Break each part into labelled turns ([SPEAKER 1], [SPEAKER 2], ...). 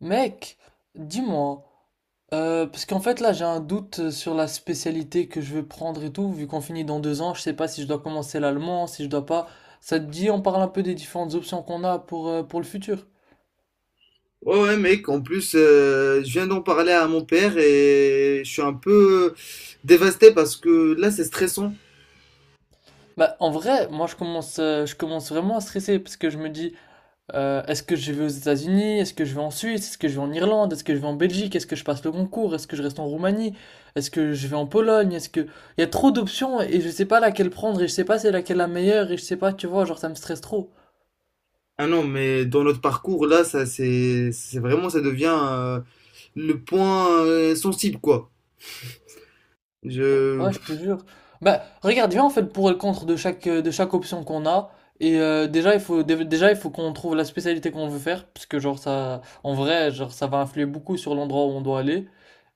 [SPEAKER 1] Mec, dis-moi, parce qu'en fait là j'ai un doute sur la spécialité que je veux prendre et tout, vu qu'on finit dans 2 ans, je sais pas si je dois commencer l'allemand, si je dois pas. Ça te dit, on parle un peu des différentes options qu'on a pour le futur.
[SPEAKER 2] Ouais, ouais, mec, en plus, je viens d'en parler à mon père et je suis un peu dévasté parce que là, c'est stressant.
[SPEAKER 1] Bah en vrai, moi je commence vraiment à stresser parce que je me dis, est-ce que je vais aux États-Unis? Est-ce que je vais en Suisse? Est-ce que je vais en Irlande? Est-ce que je vais en Belgique? Est-ce que je passe le concours? Est-ce que je reste en Roumanie? Est-ce que je vais en Pologne? Est-ce que... Il y a trop d'options et je sais pas laquelle prendre et je sais pas si c'est laquelle la meilleure et je sais pas, tu vois, genre ça me stresse trop.
[SPEAKER 2] Ah non, mais dans notre parcours, là, ça, c'est vraiment, ça devient le point sensible, quoi. Je,
[SPEAKER 1] Ouais, je te jure. Bah, regarde viens en fait le pour et le contre de chaque option qu'on a. Déjà, il faut, déjà, il faut qu'on trouve la spécialité qu'on veut faire. Parce que, genre, ça, en vrai, genre, ça va influer beaucoup sur l'endroit où on doit aller.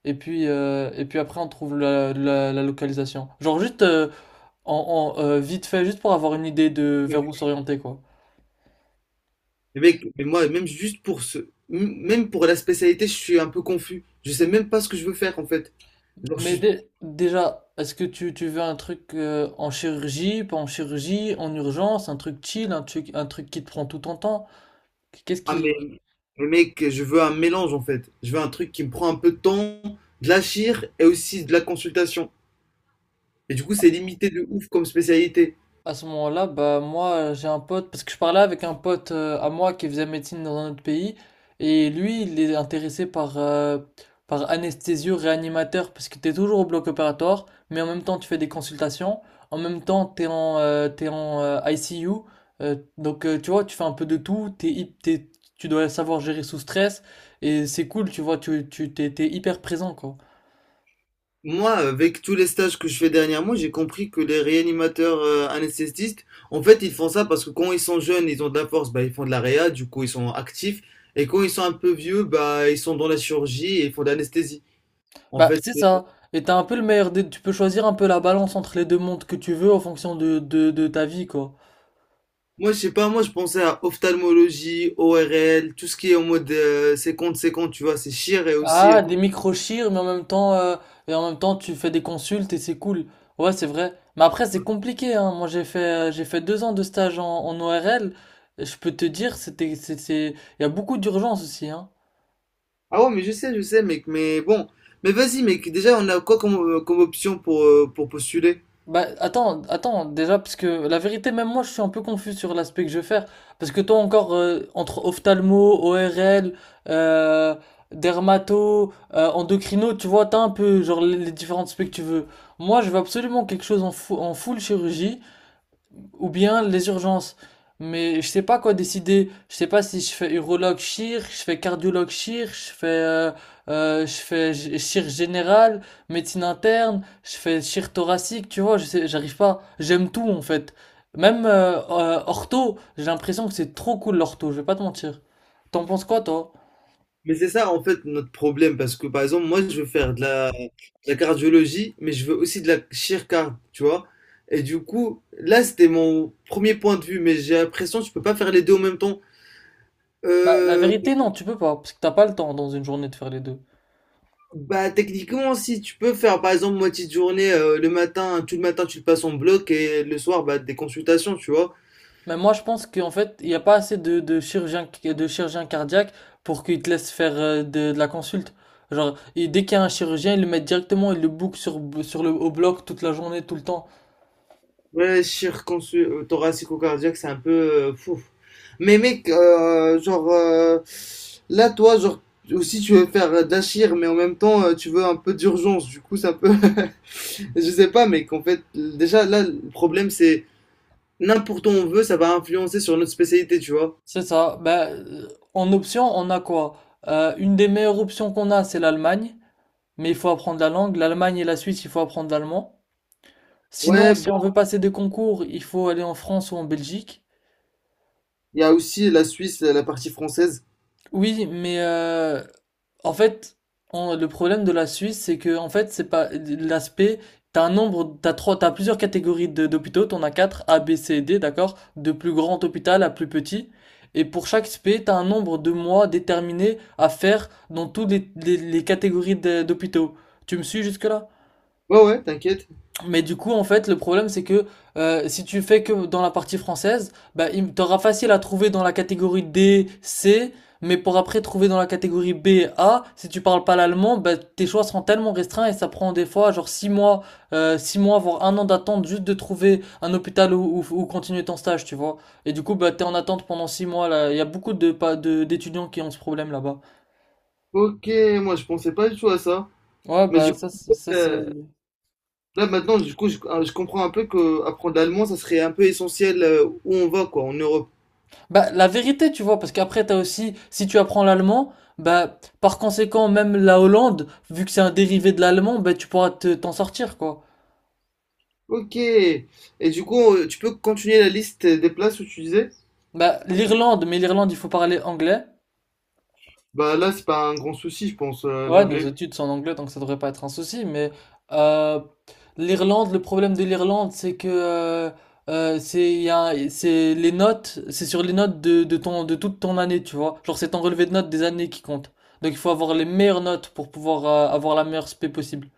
[SPEAKER 1] Et puis après, on trouve la localisation. Genre, juste vite fait, juste pour avoir une idée de
[SPEAKER 2] mais
[SPEAKER 1] vers où s'orienter, quoi.
[SPEAKER 2] mec, mais moi, même juste pour ce, m- même pour la spécialité, je suis un peu confus. Je sais même pas ce que je veux faire, en fait. Genre, je
[SPEAKER 1] Mais
[SPEAKER 2] suis,
[SPEAKER 1] déjà, est-ce que tu veux un truc en chirurgie, pas en chirurgie, en urgence, un truc chill, un truc qui te prend tout ton temps? Qu'est-ce
[SPEAKER 2] ah,
[SPEAKER 1] qui...
[SPEAKER 2] mais mec, je veux un mélange, en fait. Je veux un truc qui me prend un peu de temps, de la chire et aussi de la consultation. Et du coup, c'est limité de ouf comme spécialité.
[SPEAKER 1] À ce moment-là, bah moi j'ai un pote, parce que je parlais avec un pote à moi qui faisait médecine dans un autre pays, et lui il est intéressé par anesthésio réanimateur, parce que t'es toujours au bloc opératoire, mais en même temps tu fais des consultations, en même temps t'es en ICU, donc, tu vois tu fais un peu de tout, tu dois savoir gérer sous stress, et c'est cool, tu vois, t'es hyper présent quoi.
[SPEAKER 2] Moi, avec tous les stages que je fais dernièrement, j'ai compris que les réanimateurs anesthésistes, en fait, ils font ça parce que quand ils sont jeunes, ils ont de la force, bah, ils font de la réa, du coup, ils sont actifs. Et quand ils sont un peu vieux, bah, ils sont dans la chirurgie et ils font de l'anesthésie. En
[SPEAKER 1] Bah,
[SPEAKER 2] fait,
[SPEAKER 1] c'est
[SPEAKER 2] c'est-
[SPEAKER 1] ça. Et t'as un peu le meilleur des... Tu peux choisir un peu la balance entre les deux mondes que tu veux en fonction de ta vie, quoi.
[SPEAKER 2] Moi, je sais pas, moi, je pensais à ophtalmologie, ORL, tout ce qui est en mode séquence, séquence, tu vois, c'est chir et aussi.
[SPEAKER 1] Ah, des micro-chires, mais en même temps, et en même temps, tu fais des consultes et c'est cool. Ouais, c'est vrai. Mais après, c'est compliqué, hein. Moi, j'ai fait 2 ans de stage en ORL. Je peux te dire, il y a beaucoup d'urgence aussi, hein.
[SPEAKER 2] Ah ouais, mais je sais, mec, mais bon. Mais vas-y, mec, déjà, on a quoi comme, comme option pour postuler?
[SPEAKER 1] Bah attends, attends, déjà parce que la vérité même moi je suis un peu confus sur l'aspect que je vais faire parce que toi encore entre ophtalmo, ORL, euh, dermato, endocrino, tu vois, t'as un peu genre les différentes specs que tu veux. Moi, je veux absolument quelque chose en full chirurgie ou bien les urgences. Mais je sais pas quoi décider. Je sais pas si je fais urologue chir, je fais cardiologue chir, je fais chir général, médecine interne, je fais chir thoracique, tu vois, je sais, j'arrive pas. J'aime tout en fait. Même ortho, j'ai l'impression que c'est trop cool l'ortho, je vais pas te mentir. T'en penses quoi toi?
[SPEAKER 2] Mais c'est ça en fait notre problème parce que par exemple moi je veux faire de la cardiologie mais je veux aussi de la chirurgie, tu vois. Et du coup là c'était mon premier point de vue mais j'ai l'impression que tu peux pas faire les deux en même temps.
[SPEAKER 1] Bah, la
[SPEAKER 2] Euh,
[SPEAKER 1] vérité non, tu peux pas parce que t'as pas le temps dans une journée de faire les deux.
[SPEAKER 2] bah techniquement si tu peux faire par exemple moitié de journée le matin tout le matin tu le passes en bloc et le soir bah des consultations, tu vois.
[SPEAKER 1] Mais moi, je pense qu'en fait, il n'y a pas assez de chirurgiens, de chirurgiens cardiaques pour qu'ils te laissent faire de la consulte. Genre, et dès qu'il y a un chirurgien, ils le mettent directement, ils le bookent sur, sur le, au bloc toute la journée, tout le temps.
[SPEAKER 2] Ouais, circoncis thoracico-cardiaque, c'est un peu fou. Mais mec, là, toi, genre, aussi, tu veux faire d'achir, mais en même temps, tu veux un peu d'urgence. Du coup, c'est un peu. Je sais pas, mec, en fait, déjà, là, le problème, c'est n'importe où on veut, ça va influencer sur notre spécialité, tu vois.
[SPEAKER 1] C'est ça. Ben, en option, on a quoi? Une des meilleures options qu'on a, c'est l'Allemagne. Mais il faut apprendre la langue. L'Allemagne et la Suisse, il faut apprendre l'allemand. Sinon,
[SPEAKER 2] Ouais,
[SPEAKER 1] si
[SPEAKER 2] bon,
[SPEAKER 1] on veut passer des concours, il faut aller en France ou en Belgique.
[SPEAKER 2] il y a aussi la Suisse, la partie française.
[SPEAKER 1] Oui, mais en fait, le problème de la Suisse, c'est que en fait, c'est pas l'aspect. T'as un nombre, t'as trois, t'as plusieurs catégories d'hôpitaux. T'en as quatre, A, B, C, D, d'accord? De plus grand hôpital à plus petit. Et pour chaque spé, t'as un nombre de mois déterminé à faire dans toutes les, les catégories d'hôpitaux. Tu me suis jusque-là?
[SPEAKER 2] Ouais, ouais, t'inquiète.
[SPEAKER 1] Mais du coup, en fait, le problème, c'est que si tu fais que dans la partie française, bah, il t'aura facile à trouver dans la catégorie D, C, mais pour après trouver dans la catégorie B, A, si tu parles pas l'allemand, bah, tes choix seront tellement restreints et ça prend des fois genre six mois, voire un an d'attente juste de trouver un hôpital où continuer ton stage, tu vois. Et du coup, bah, t'es en attente pendant 6 mois, là. Il y a beaucoup de, pas de, d'étudiants qui ont ce problème là-bas.
[SPEAKER 2] Ok, moi, je pensais pas du tout à ça.
[SPEAKER 1] Ouais,
[SPEAKER 2] Mais du
[SPEAKER 1] bah,
[SPEAKER 2] coup,
[SPEAKER 1] ça, c'est... ça, c'est...
[SPEAKER 2] euh, là maintenant, du coup, je comprends un peu que apprendre l'allemand, ça serait un peu essentiel où on va, quoi, en Europe.
[SPEAKER 1] Bah, la vérité, tu vois, parce qu'après, t'as aussi, si tu apprends l'allemand, bah, par conséquent, même la Hollande, vu que c'est un dérivé de l'allemand, bah, tu pourras te, t'en sortir, quoi.
[SPEAKER 2] Ok. Et du coup, tu peux continuer la liste des places où tu disais?
[SPEAKER 1] Bah, l'Irlande, mais l'Irlande, il faut parler anglais.
[SPEAKER 2] Bah là, c'est pas un grand souci, je pense,
[SPEAKER 1] Ouais, nos
[SPEAKER 2] l'anglais.
[SPEAKER 1] études sont en anglais, donc ça devrait pas être un souci, mais, euh, l'Irlande, le problème de l'Irlande, c'est que, c'est, il y a, c'est les notes, c'est sur les notes de ton, de toute ton année, tu vois. Genre, c'est ton relevé de notes des années qui compte. Donc, il faut avoir les meilleures notes pour pouvoir, avoir la meilleure spé possible.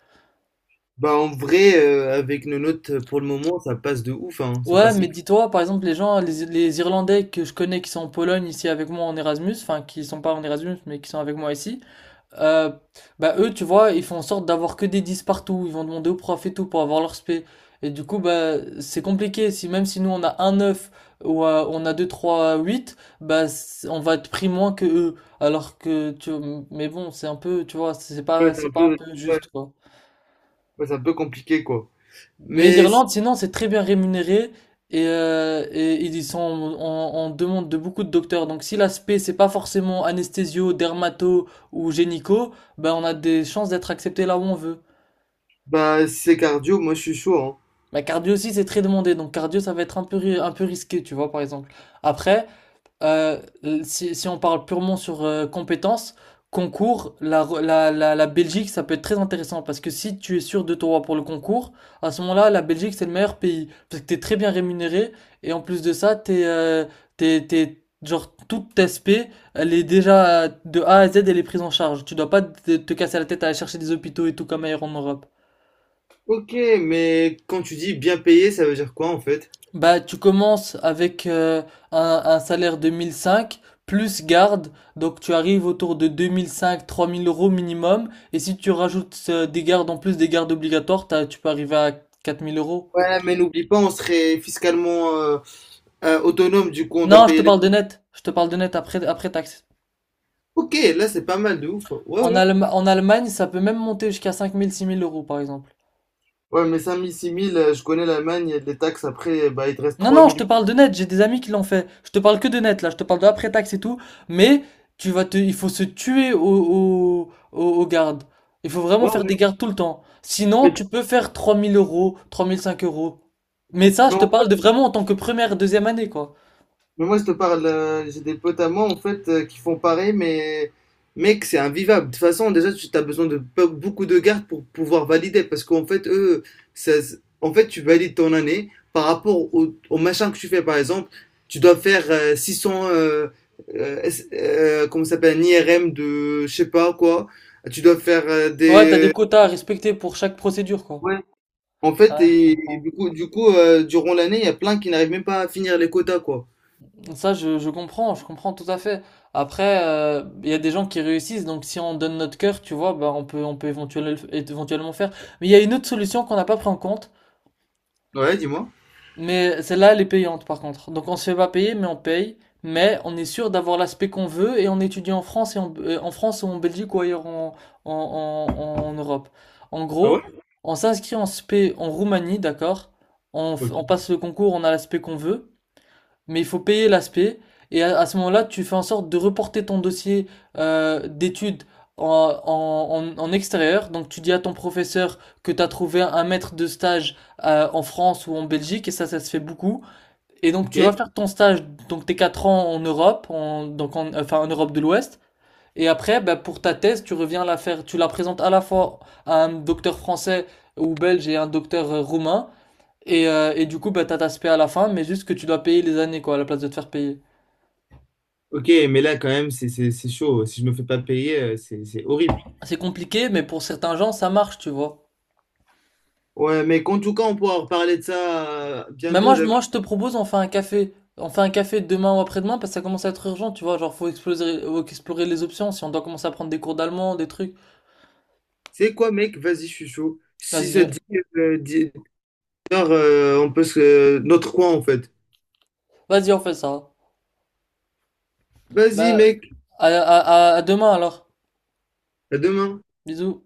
[SPEAKER 2] Bah en vrai, avec nos notes pour le moment, ça passe de ouf, hein. Ça
[SPEAKER 1] Ouais,
[SPEAKER 2] passe
[SPEAKER 1] mais
[SPEAKER 2] hyper.
[SPEAKER 1] dis-toi, par exemple, les gens, les Irlandais que je connais qui sont en Pologne ici avec moi en Erasmus, enfin qui sont pas en Erasmus mais qui sont avec moi ici, euh, bah eux, tu vois, ils font en sorte d'avoir que des 10 partout, ils vont demander au prof et tout pour avoir leur spé. Et du coup, bah c'est compliqué, si même si nous on a un 9 ou on a 2 3 8, bah c'est... on va être pris moins que eux. Alors que, tu... mais bon, c'est un peu, tu vois,
[SPEAKER 2] Ouais, c'est
[SPEAKER 1] c'est
[SPEAKER 2] un
[SPEAKER 1] pas un
[SPEAKER 2] peu,
[SPEAKER 1] peu
[SPEAKER 2] ouais,
[SPEAKER 1] juste, quoi.
[SPEAKER 2] ouais, c'est un peu compliqué, quoi.
[SPEAKER 1] Mais
[SPEAKER 2] Mais si-
[SPEAKER 1] l'Irlande, sinon, c'est très bien rémunéré et ils sont en, en demande de beaucoup de docteurs. Donc, si l'aspect, c'est pas forcément anesthésio, dermato ou génico, ben, on a des chances d'être accepté là où on veut.
[SPEAKER 2] bah si c'est cardio, moi je suis chaud, hein.
[SPEAKER 1] Mais cardio aussi, c'est très demandé. Donc, cardio, ça va être un peu, un peu risqué, tu vois, par exemple. Après, si on parle purement sur compétences, concours, la Belgique, ça peut être très intéressant parce que si tu es sûr de toi pour le concours, à ce moment-là, la Belgique, c'est le meilleur pays parce que t'es très bien rémunéré et en plus de ça, t'es, genre, toute ta SP, elle est déjà de A à Z, elle est prise en charge. Tu dois pas te casser la tête à aller chercher des hôpitaux et tout comme ailleurs en Europe.
[SPEAKER 2] Ok, mais quand tu dis bien payé, ça veut dire quoi en fait?
[SPEAKER 1] Bah, tu commences avec un salaire de 1005 plus garde, donc tu arrives autour de deux mille cinq 3 000 euros minimum. Et si tu rajoutes des gardes en plus des gardes obligatoires, tu peux arriver à 4 000 euros.
[SPEAKER 2] Ouais, mais n'oublie pas, on serait fiscalement, autonome, du coup, on doit
[SPEAKER 1] Non, je te
[SPEAKER 2] payer les...
[SPEAKER 1] parle de net. Je te parle de net après, après taxe.
[SPEAKER 2] Ok, là, c'est pas mal de ouf. Ouais,
[SPEAKER 1] En
[SPEAKER 2] ouais.
[SPEAKER 1] Allemagne, ça peut même monter jusqu'à 5 000 6 000 euros par exemple.
[SPEAKER 2] Ouais, mais 5000, 6000, je connais l'Allemagne, les taxes, après, bah, il te reste
[SPEAKER 1] Non, non, je te
[SPEAKER 2] 3000.
[SPEAKER 1] parle de net, j'ai des amis qui l'ont fait. Je te parle que de net, là, je te parle de après-taxe et tout. Mais il faut se tuer aux gardes. Il faut vraiment
[SPEAKER 2] Ouais,
[SPEAKER 1] faire
[SPEAKER 2] ouais.
[SPEAKER 1] des gardes tout le temps. Sinon,
[SPEAKER 2] Mais,
[SPEAKER 1] tu peux faire 3 000 euros, 3 500 euros. Mais ça, je
[SPEAKER 2] mais
[SPEAKER 1] te parle de vraiment en tant que première, deuxième année, quoi.
[SPEAKER 2] Mais moi, je te parle, j'ai des potes à moi, en fait, qui font pareil, mais mec, c'est invivable. De toute façon, déjà, tu as besoin de beaucoup de gardes pour pouvoir valider, parce qu'en fait, eux, en fait, tu valides ton année par rapport au, au machin que tu fais, par exemple, tu dois faire 600 comment ça s'appelle, un IRM de, je sais pas quoi, tu dois faire
[SPEAKER 1] Ouais, t'as
[SPEAKER 2] des...
[SPEAKER 1] des quotas à respecter pour chaque procédure, quoi.
[SPEAKER 2] Ouais. En fait,
[SPEAKER 1] Ouais, je
[SPEAKER 2] et
[SPEAKER 1] comprends.
[SPEAKER 2] du coup, durant l'année, il y a plein qui n'arrivent même pas à finir les quotas, quoi.
[SPEAKER 1] Ça, je comprends tout à fait. Après, il y a des gens qui réussissent, donc si on donne notre cœur, tu vois, bah, on peut éventuellement, éventuellement faire. Mais il y a une autre solution qu'on n'a pas pris en compte,
[SPEAKER 2] Ouais, dis-moi.
[SPEAKER 1] mais celle-là, elle est payante par contre. Donc on se fait pas payer, mais on paye, mais on est sûr d'avoir l'aspect qu'on veut et on étudie en France et en France ou en Belgique ou ailleurs en, en Europe. En
[SPEAKER 2] Ah
[SPEAKER 1] gros,
[SPEAKER 2] ouais?
[SPEAKER 1] on s'inscrit en Spé en Roumanie, d'accord? On
[SPEAKER 2] Ok.
[SPEAKER 1] passe le concours, on a l'aspect qu'on veut mais il faut payer l'aspect. Et à ce moment-là, tu fais en sorte de reporter ton dossier d'études en, en extérieur. Donc tu dis à ton professeur que tu as trouvé un maître de stage en France ou en Belgique, et ça se fait beaucoup. Et donc tu vas
[SPEAKER 2] Ok,
[SPEAKER 1] faire ton stage, donc tes 4 ans en Europe, donc enfin en Europe de l'Ouest. Et après, bah, pour ta thèse, tu reviens la faire, tu la présentes à la fois à un docteur français ou belge et un docteur roumain. Et du coup, bah, t'as ta spé à la fin, mais juste que tu dois payer les années, quoi, à la place de te faire payer.
[SPEAKER 2] Ok, mais là, quand même, c'est chaud. Si je me fais pas payer, c'est c'est horrible.
[SPEAKER 1] C'est compliqué, mais pour certains gens, ça marche, tu vois.
[SPEAKER 2] Ouais, mais en tout cas, on pourra reparler de ça
[SPEAKER 1] Mais
[SPEAKER 2] bientôt,
[SPEAKER 1] moi,
[SPEAKER 2] d'accord?
[SPEAKER 1] je te propose, on fait un café. On fait un café demain ou après-demain, parce que ça commence à être urgent, tu vois. Genre, faut explorer les options, si on doit commencer à prendre des cours d'allemand, des trucs.
[SPEAKER 2] C'est quoi, mec? Vas-y, je suis chaud. Si
[SPEAKER 1] Vas-y,
[SPEAKER 2] ça te dit, 10 heures, on peut se... Notre coin, en fait.
[SPEAKER 1] vas-y, on fait ça.
[SPEAKER 2] Vas-y,
[SPEAKER 1] Bah,
[SPEAKER 2] mec.
[SPEAKER 1] à, à, à demain, alors.
[SPEAKER 2] À demain.
[SPEAKER 1] Bisous.